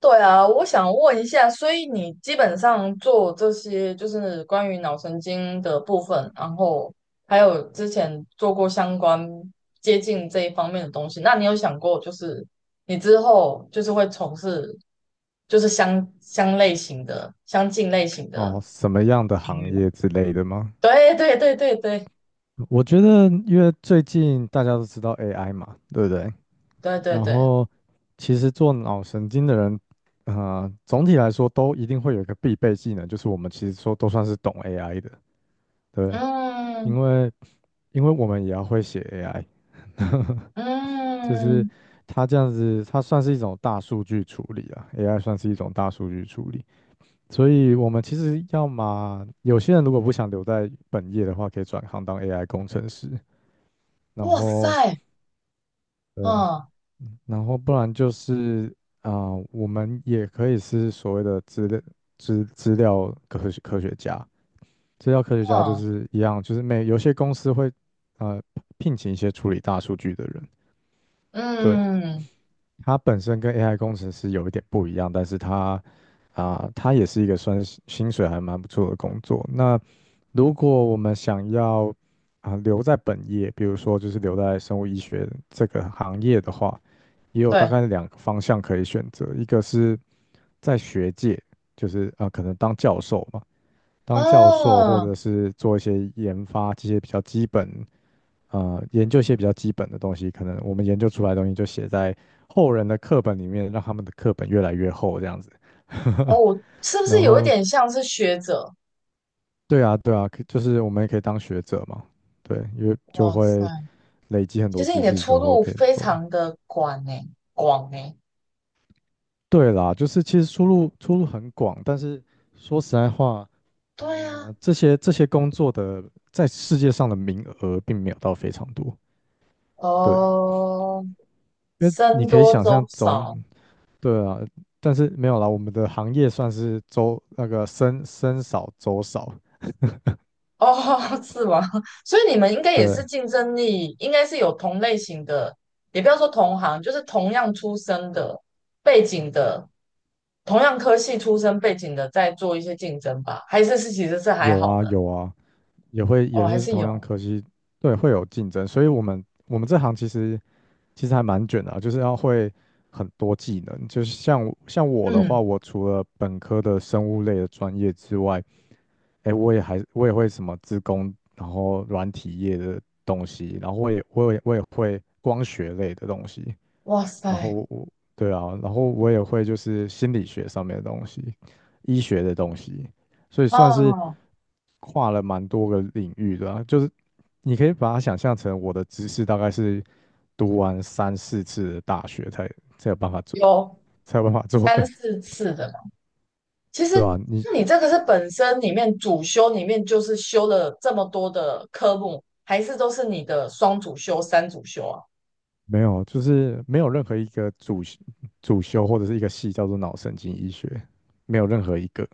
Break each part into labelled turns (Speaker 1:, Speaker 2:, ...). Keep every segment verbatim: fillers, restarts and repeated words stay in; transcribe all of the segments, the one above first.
Speaker 1: 对啊，我想问一下，所以你基本上做这些就是关于脑神经的部分，然后还有之前做过相关接近这一方面的东西，那你有想过就是你之后就是会从事就是相相类型的、相近类型的
Speaker 2: 哦，什么样的
Speaker 1: 领
Speaker 2: 行
Speaker 1: 域吗？
Speaker 2: 业之类的吗？
Speaker 1: 对对对对对
Speaker 2: 我觉得，因为最近大家都知道 A I 嘛，对不对？
Speaker 1: 对对
Speaker 2: 然
Speaker 1: 对，
Speaker 2: 后，其实做脑神经的人，啊，总体来说都一定会有一个必备技能，就是我们其实说都算是懂 A I 的，对不对？
Speaker 1: 嗯
Speaker 2: 因为，因为我们也要会写 A I，就是
Speaker 1: 嗯，
Speaker 2: 它这样子，它算是一种大数据处理啊，A I 算是一种大数据处理。所以我们其实要么有些人如果不想留在本业的话，可以转行当 A I 工程师，然
Speaker 1: 哇
Speaker 2: 后
Speaker 1: 塞，
Speaker 2: 对，
Speaker 1: 嗯
Speaker 2: 然后不然就是啊、我们也可以是所谓的资料资资料科学科学家，资料科学家就
Speaker 1: 嗯
Speaker 2: 是一样，就是每有些公司会呃聘请一些处理大数据的人，对，
Speaker 1: 嗯，
Speaker 2: 它本身跟 A I 工程师有一点不一样，但是它啊、它也是一个算是薪水还蛮不错的工作。那如果我们想要啊、留在本业，比如说就是留在生物医学这个行业的话，也有大
Speaker 1: 对。
Speaker 2: 概两个方向可以选择，一个是在学界，就是啊、可能当教授嘛，当教授或
Speaker 1: 哦，
Speaker 2: 者是做一些研发这些比较基本。呃研究一些比较基本的东西，可能我们研究出来的东西就写在后人的课本里面，让他们的课本越来越厚这样子。
Speaker 1: 哦，是不
Speaker 2: 然
Speaker 1: 是有一
Speaker 2: 后，
Speaker 1: 点像是学者？
Speaker 2: 对啊，对啊，可就是我们也可以当学者嘛，对，因为就
Speaker 1: 哇塞，
Speaker 2: 会累积很
Speaker 1: 其
Speaker 2: 多
Speaker 1: 实你
Speaker 2: 知
Speaker 1: 的
Speaker 2: 识之
Speaker 1: 出
Speaker 2: 后
Speaker 1: 路
Speaker 2: 可以
Speaker 1: 非
Speaker 2: 做的
Speaker 1: 常的广呢，广呢。
Speaker 2: 对啦，就是其实出路出路很广，但是说实在话，
Speaker 1: 对啊，
Speaker 2: 呃，这些这些工作的在世界上的名额并没有到非常多，对，
Speaker 1: 哦，
Speaker 2: 因为你
Speaker 1: 僧
Speaker 2: 可以
Speaker 1: 多
Speaker 2: 想
Speaker 1: 粥
Speaker 2: 象总
Speaker 1: 少，
Speaker 2: 对啊，但是没有啦，我们的行业算是周那个僧僧少粥少，
Speaker 1: 哦，是吗？所以你们应该也是
Speaker 2: 对，
Speaker 1: 竞争力，应该是有同类型的，也不要说同行，就是同样出身的背景的，同样科系出身背景的，在做一些竞争吧？还是是其实是还
Speaker 2: 有
Speaker 1: 好
Speaker 2: 啊
Speaker 1: 的？
Speaker 2: 有啊，也会
Speaker 1: 哦，
Speaker 2: 也
Speaker 1: 还
Speaker 2: 是
Speaker 1: 是
Speaker 2: 同样
Speaker 1: 有，
Speaker 2: 科系，对，会有竞争，所以我们我们这行其实其实还蛮卷的啊，就是要会很多技能，就是像我像我的
Speaker 1: 嗯，
Speaker 2: 话，我除了本科的生物类的专业之外，哎，我也还我也会什么资工，然后软体业的东西，然后我也我也我也会光学类的东西，
Speaker 1: 哇
Speaker 2: 然后
Speaker 1: 塞，
Speaker 2: 我，对啊，然后我也会就是心理学上面的东西，医学的东西，所以算是
Speaker 1: 哦。
Speaker 2: 跨了蛮多个领域的啊就是你可以把它想象成我的知识大概是读完三四次的大学才才有办法做，
Speaker 1: 有，
Speaker 2: 才有办法做
Speaker 1: 三
Speaker 2: 的，
Speaker 1: 四次的嘛。其 实，
Speaker 2: 对吧、你
Speaker 1: 那你这个是本身里面主修里面就是修了这么多的科目，还是都是你的双主修、三主修啊？
Speaker 2: 没有，就是没有任何一个主主修或者是一个系叫做脑神经医学，没有任何一个。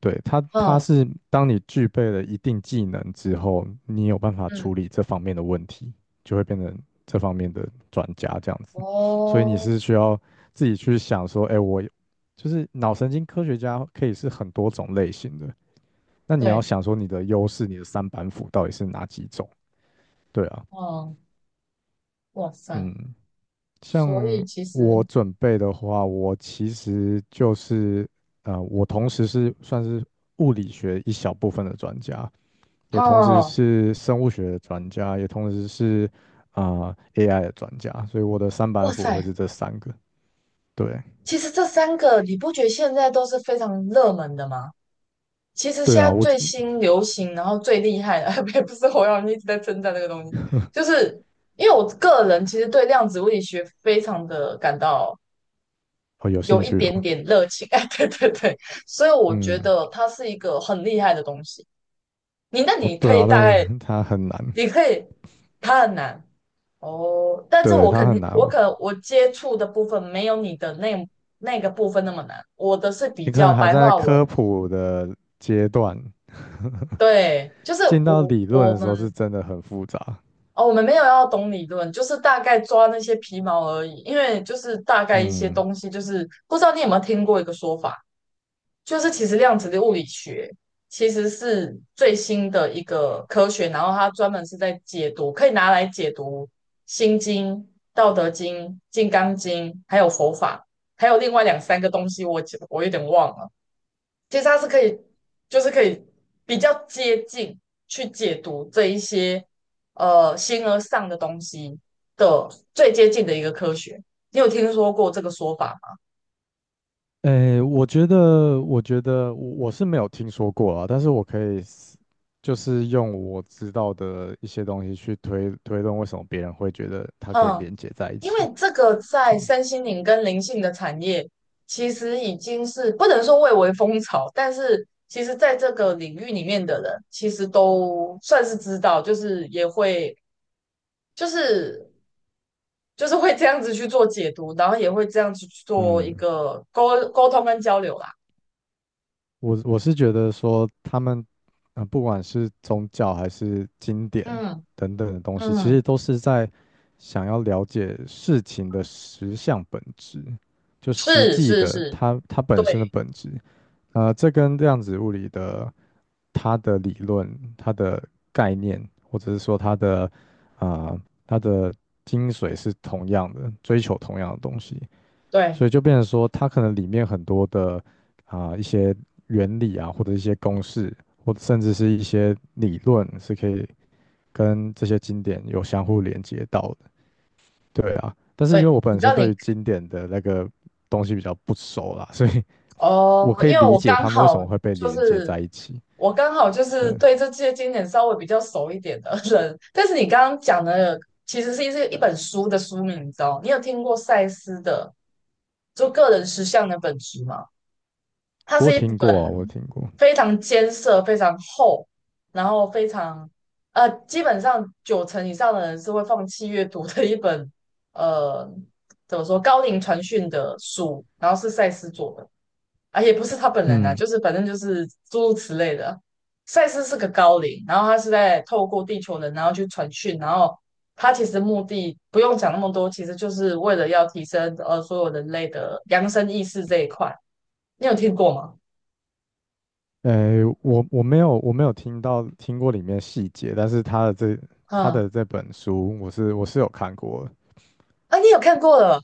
Speaker 2: 对，它，它
Speaker 1: 嗯
Speaker 2: 是当你具备了一定技能之后，你有办法
Speaker 1: 嗯，
Speaker 2: 处理这方面的问题，就会变成这方面的专家这样子。所以你
Speaker 1: 哦，
Speaker 2: 是需要自己去想说，哎，我就是脑神经科学家可以是很多种类型的，那你要
Speaker 1: 对，
Speaker 2: 想说你的优势，你的三板斧到底是哪几种？对啊，
Speaker 1: 嗯，哇塞，
Speaker 2: 嗯，像
Speaker 1: 所以其
Speaker 2: 我
Speaker 1: 实，
Speaker 2: 准备的话，我其实就是，呃，我同时是算是物理学一小部分的专家。也同时
Speaker 1: 哦，
Speaker 2: 是生物学的专家，也同时是啊、呃 A I 的专家，所以我的三板
Speaker 1: 哇
Speaker 2: 斧会
Speaker 1: 塞，
Speaker 2: 是这三个。对
Speaker 1: 其实这三个你不觉得现在都是非常热门的吗？其实
Speaker 2: 对
Speaker 1: 现
Speaker 2: 啊，
Speaker 1: 在
Speaker 2: 我
Speaker 1: 最
Speaker 2: 觉
Speaker 1: 新流行，然后最厉害的，也不是我让人一直在称赞这个东西，就是因为我个人其实对量子物理学非常的感到
Speaker 2: 哦有
Speaker 1: 有
Speaker 2: 兴
Speaker 1: 一
Speaker 2: 趣哦，
Speaker 1: 点点热情，哎，对对对，所以我觉
Speaker 2: 嗯，
Speaker 1: 得它是一个很厉害的东西。你那
Speaker 2: 哦
Speaker 1: 你
Speaker 2: 对
Speaker 1: 可以
Speaker 2: 啊，
Speaker 1: 大
Speaker 2: 但
Speaker 1: 概，
Speaker 2: 是它很难，
Speaker 1: 你可以，它很难哦，但是
Speaker 2: 对
Speaker 1: 我
Speaker 2: 它
Speaker 1: 肯
Speaker 2: 很
Speaker 1: 定，
Speaker 2: 难，
Speaker 1: 我
Speaker 2: 我
Speaker 1: 可能我接触的部分没有你的那那个部分那么难，我的是比
Speaker 2: 你可
Speaker 1: 较
Speaker 2: 能还
Speaker 1: 白
Speaker 2: 在
Speaker 1: 话文，
Speaker 2: 科普的阶段，
Speaker 1: 对，就是
Speaker 2: 进到
Speaker 1: 我
Speaker 2: 理论的
Speaker 1: 我
Speaker 2: 时候是
Speaker 1: 们。
Speaker 2: 真的很复杂，
Speaker 1: 哦，我们没有要懂理论，就是大概抓那些皮毛而已。因为就是大概一些
Speaker 2: 嗯，
Speaker 1: 东西，就是不知道你有没有听过一个说法，就是其实量子的物理学其实是最新的一个科学，然后它专门是在解读，可以拿来解读《心经》《道德经》《金刚经》，还有佛法，还有另外两三个东西我记，我我有点忘了。其实它是可以，就是可以比较接近去解读这一些呃形而上的东西的最接近的一个科学。你有听说过这个说法吗？
Speaker 2: 诶，我觉得，我觉得我我是没有听说过啊，但是我可以是就是用我知道的一些东西去推推动，为什么别人会觉得它可以
Speaker 1: 嗯，
Speaker 2: 连接在一
Speaker 1: 因
Speaker 2: 起。
Speaker 1: 为这个
Speaker 2: 就
Speaker 1: 在三星灵跟灵性的产业，其实已经是不能说蔚为风潮，但是其实在这个领域里面的人，其实都算是知道，就是也会就是就是会这样子去做解读，然后也会这样子去做一
Speaker 2: 嗯，
Speaker 1: 个沟沟通跟交流啦。
Speaker 2: 我我是觉得说他们，呃，不管是宗教还是经典
Speaker 1: 嗯
Speaker 2: 等等的东西，其
Speaker 1: 嗯，
Speaker 2: 实都是在想要了解事情的实相本质，就实
Speaker 1: 是
Speaker 2: 际
Speaker 1: 是
Speaker 2: 的
Speaker 1: 是，
Speaker 2: 它它本身的
Speaker 1: 对
Speaker 2: 本质。呃，这跟量子物理的它的理论、它的概念，或者是说它的啊、呃它的精髓是同样的，追求同样的东西，所
Speaker 1: 对
Speaker 2: 以就变成说，它可能里面很多的啊、一些原理啊，或者一些公式，或者甚至是一些理论，是可以跟这些经典有相互连接到的。对啊，但是因
Speaker 1: 对，
Speaker 2: 为我
Speaker 1: 你
Speaker 2: 本
Speaker 1: 知
Speaker 2: 身
Speaker 1: 道
Speaker 2: 对
Speaker 1: 你
Speaker 2: 于经典的那个东西比较不熟啦，所以我
Speaker 1: 哦，
Speaker 2: 可以
Speaker 1: 因为
Speaker 2: 理
Speaker 1: 我
Speaker 2: 解
Speaker 1: 刚
Speaker 2: 他们为什
Speaker 1: 好
Speaker 2: 么会被
Speaker 1: 就
Speaker 2: 连接
Speaker 1: 是
Speaker 2: 在一起。
Speaker 1: 我刚好就是
Speaker 2: 对，
Speaker 1: 对这些经典稍微比较熟一点的人，但是你刚刚讲的其实是一是一本书的书名，你知道？你有听过赛斯的就个人实相的本质吗？它
Speaker 2: 我
Speaker 1: 是
Speaker 2: 有
Speaker 1: 一
Speaker 2: 听过啊，
Speaker 1: 本
Speaker 2: 我有听过。
Speaker 1: 非常艰涩、非常厚，然后非常呃，基本上九成以上的人是会放弃阅读的一本呃，怎么说高龄传讯的书，然后是赛斯做的，啊，也不是他本人啊，
Speaker 2: 嗯，
Speaker 1: 就是反正就是诸如此类的。赛斯是个高龄，然后他是在透过地球人，然后去传讯，然后他其实目的不用讲那么多，其实就是为了要提升呃所有人类的扬升意识这一块。你有听过吗？
Speaker 2: 呃，我我没有我没有听到听过里面细节，但是他的这他
Speaker 1: 嗯，
Speaker 2: 的这本书，我是我是有看过的。
Speaker 1: 啊，你有看过了？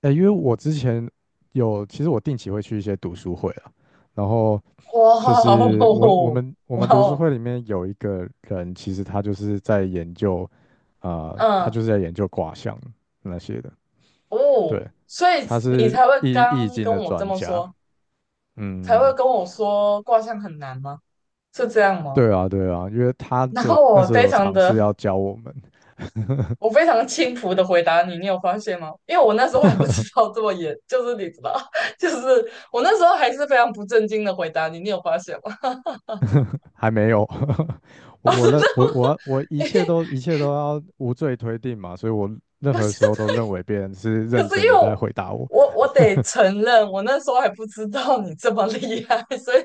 Speaker 2: 呃，因为我之前有，其实我定期会去一些读书会啊，然后
Speaker 1: 哇
Speaker 2: 就是我我
Speaker 1: 哦，
Speaker 2: 们我
Speaker 1: 哇
Speaker 2: 们读书
Speaker 1: 哦，
Speaker 2: 会里面有一个人，其实他就是在研究，啊、他
Speaker 1: 嗯，
Speaker 2: 就是在研究卦象那些的。对，
Speaker 1: 哦，所以
Speaker 2: 他
Speaker 1: 你
Speaker 2: 是
Speaker 1: 才会
Speaker 2: 易易
Speaker 1: 刚
Speaker 2: 经
Speaker 1: 跟
Speaker 2: 的
Speaker 1: 我这
Speaker 2: 专
Speaker 1: 么
Speaker 2: 家，
Speaker 1: 说，才会
Speaker 2: 嗯，
Speaker 1: 跟我说卦象很难吗？是这样吗？
Speaker 2: 对啊，对啊，因为他
Speaker 1: 然
Speaker 2: 就
Speaker 1: 后
Speaker 2: 那
Speaker 1: 我
Speaker 2: 时候
Speaker 1: 非
Speaker 2: 有
Speaker 1: 常
Speaker 2: 尝
Speaker 1: 的，
Speaker 2: 试要教我们，
Speaker 1: 我非常轻浮的回答你，你有发现吗？因为我那时候还不知道这么严，就是你知道，就是我那时候还是非常不正经的回答你，你有发现吗？
Speaker 2: 还没有，我
Speaker 1: 啊，
Speaker 2: 我
Speaker 1: 真的
Speaker 2: 那我
Speaker 1: 吗？
Speaker 2: 我我一 切都一切都要无罪推定嘛，所以我任
Speaker 1: 不是。
Speaker 2: 何时候都认为别人是
Speaker 1: 可
Speaker 2: 认
Speaker 1: 是因
Speaker 2: 真
Speaker 1: 为
Speaker 2: 的在
Speaker 1: 我
Speaker 2: 回答我，
Speaker 1: 我我得承认，我那时候还不知道你这么厉害，所以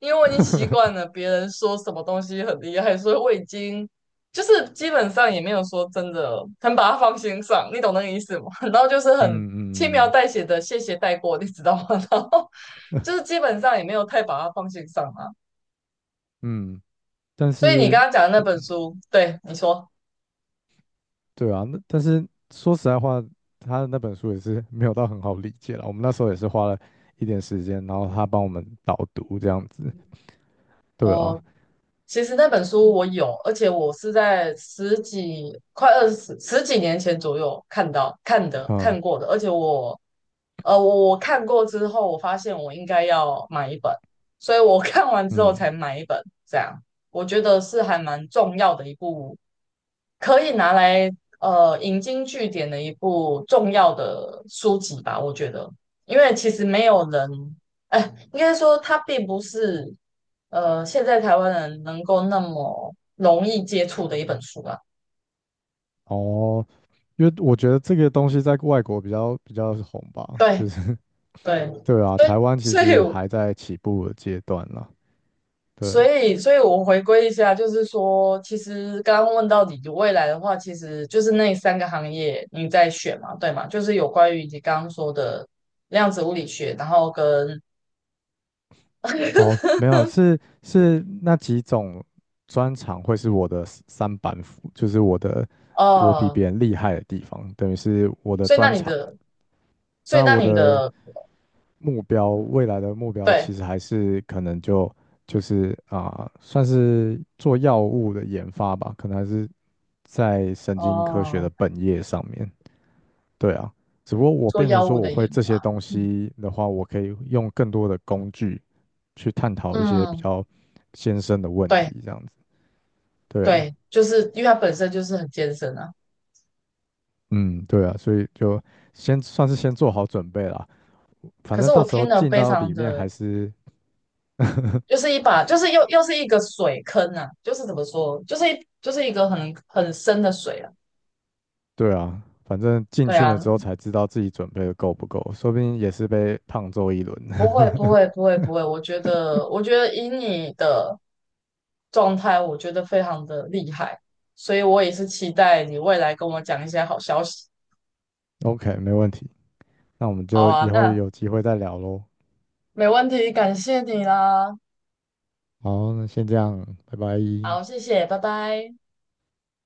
Speaker 1: 因为我已经习惯了别人说什么东西很厉害，所以我已经就是基本上也没有说真的很把它放心上，你懂那个意思吗？然后就是很
Speaker 2: 嗯
Speaker 1: 轻描
Speaker 2: 嗯
Speaker 1: 淡写的谢谢带过，你知道吗？然后就是基本上也没有太把它放心上啊。
Speaker 2: 嗯，但
Speaker 1: 所以你
Speaker 2: 是
Speaker 1: 刚刚讲的那
Speaker 2: 我
Speaker 1: 本书，对你说。
Speaker 2: 对啊，那但是说实在话，他的那本书也是没有到很好理解了，我们那时候也是花了一点时间，然后他帮我们导读这样子，对
Speaker 1: 哦，
Speaker 2: 啊，
Speaker 1: 其实那本书我有，而且我是在十几、快二十、十几年前左右看到、看的、
Speaker 2: 嗯
Speaker 1: 看过的。而且我，呃，我我看过之后，我发现我应该要买一本，所以我看完之后
Speaker 2: 嗯，
Speaker 1: 才买一本。这样，我觉得是还蛮重要的一部可以拿来呃引经据典的一部重要的书籍吧，我觉得，因为其实没有人，哎，应该说它并不是呃现在台湾人能够那么容易接触的一本书吧。
Speaker 2: 哦，因为我觉得这个东西在外国比较比较红吧，就
Speaker 1: 对
Speaker 2: 是
Speaker 1: 对
Speaker 2: 对啊，
Speaker 1: 对，
Speaker 2: 台湾其
Speaker 1: 所以
Speaker 2: 实
Speaker 1: 我
Speaker 2: 还在起步的阶段啦。对，
Speaker 1: 所以所以我回归一下，就是说，其实刚刚问到你的未来的话，其实就是那三个行业你在选嘛，对嘛？就是有关于你刚刚说的量子物理学，然后跟
Speaker 2: 哦，没有，是是那几种专长会是我的 s- 三板斧，就是我的我比
Speaker 1: 哦，
Speaker 2: 别人厉害的地方，等于是我的
Speaker 1: 所以那
Speaker 2: 专
Speaker 1: 你
Speaker 2: 长。
Speaker 1: 的，所以
Speaker 2: 那
Speaker 1: 那
Speaker 2: 我
Speaker 1: 你
Speaker 2: 的
Speaker 1: 的，
Speaker 2: 目标，未来的目标
Speaker 1: 对，
Speaker 2: 其实还是可能就就是啊、算是做药物的研发吧，可能还是在神经科学的
Speaker 1: 哦，
Speaker 2: 本业上面。对啊，只不过我
Speaker 1: 做
Speaker 2: 变成
Speaker 1: 药
Speaker 2: 说
Speaker 1: 物
Speaker 2: 我
Speaker 1: 的
Speaker 2: 会
Speaker 1: 研
Speaker 2: 这些
Speaker 1: 发，
Speaker 2: 东
Speaker 1: 嗯，
Speaker 2: 西的话，我可以用更多的工具去探讨一些比
Speaker 1: 嗯，
Speaker 2: 较艰深的问
Speaker 1: 对
Speaker 2: 题，这样子。对啊，
Speaker 1: 对，就是因为它本身就是很艰深啊。
Speaker 2: 嗯，对啊，所以就先算是先做好准备啦。反
Speaker 1: 可
Speaker 2: 正
Speaker 1: 是
Speaker 2: 到
Speaker 1: 我
Speaker 2: 时
Speaker 1: 听
Speaker 2: 候
Speaker 1: 了
Speaker 2: 进
Speaker 1: 非
Speaker 2: 到
Speaker 1: 常
Speaker 2: 里面
Speaker 1: 的，
Speaker 2: 还是，
Speaker 1: 就是一把，就是又又是一个水坑啊，就是怎么说，就是一就是一个很很深的水啊。
Speaker 2: 对啊，反正进
Speaker 1: 对
Speaker 2: 去了
Speaker 1: 啊，
Speaker 2: 之后才知道自己准备的够不够，说不定也是被胖揍一轮。
Speaker 1: 不会不会不会不会，我觉得我觉得以你的状态，我觉得非常的厉害，所以我也是期待你未来跟我讲一些好消息。
Speaker 2: OK,没问题，那我们
Speaker 1: 好
Speaker 2: 就
Speaker 1: 啊，
Speaker 2: 以后
Speaker 1: 那
Speaker 2: 有机会再聊喽。
Speaker 1: 没问题，感谢你啦。
Speaker 2: 好，那先这样，拜拜。
Speaker 1: 好，谢谢，拜拜。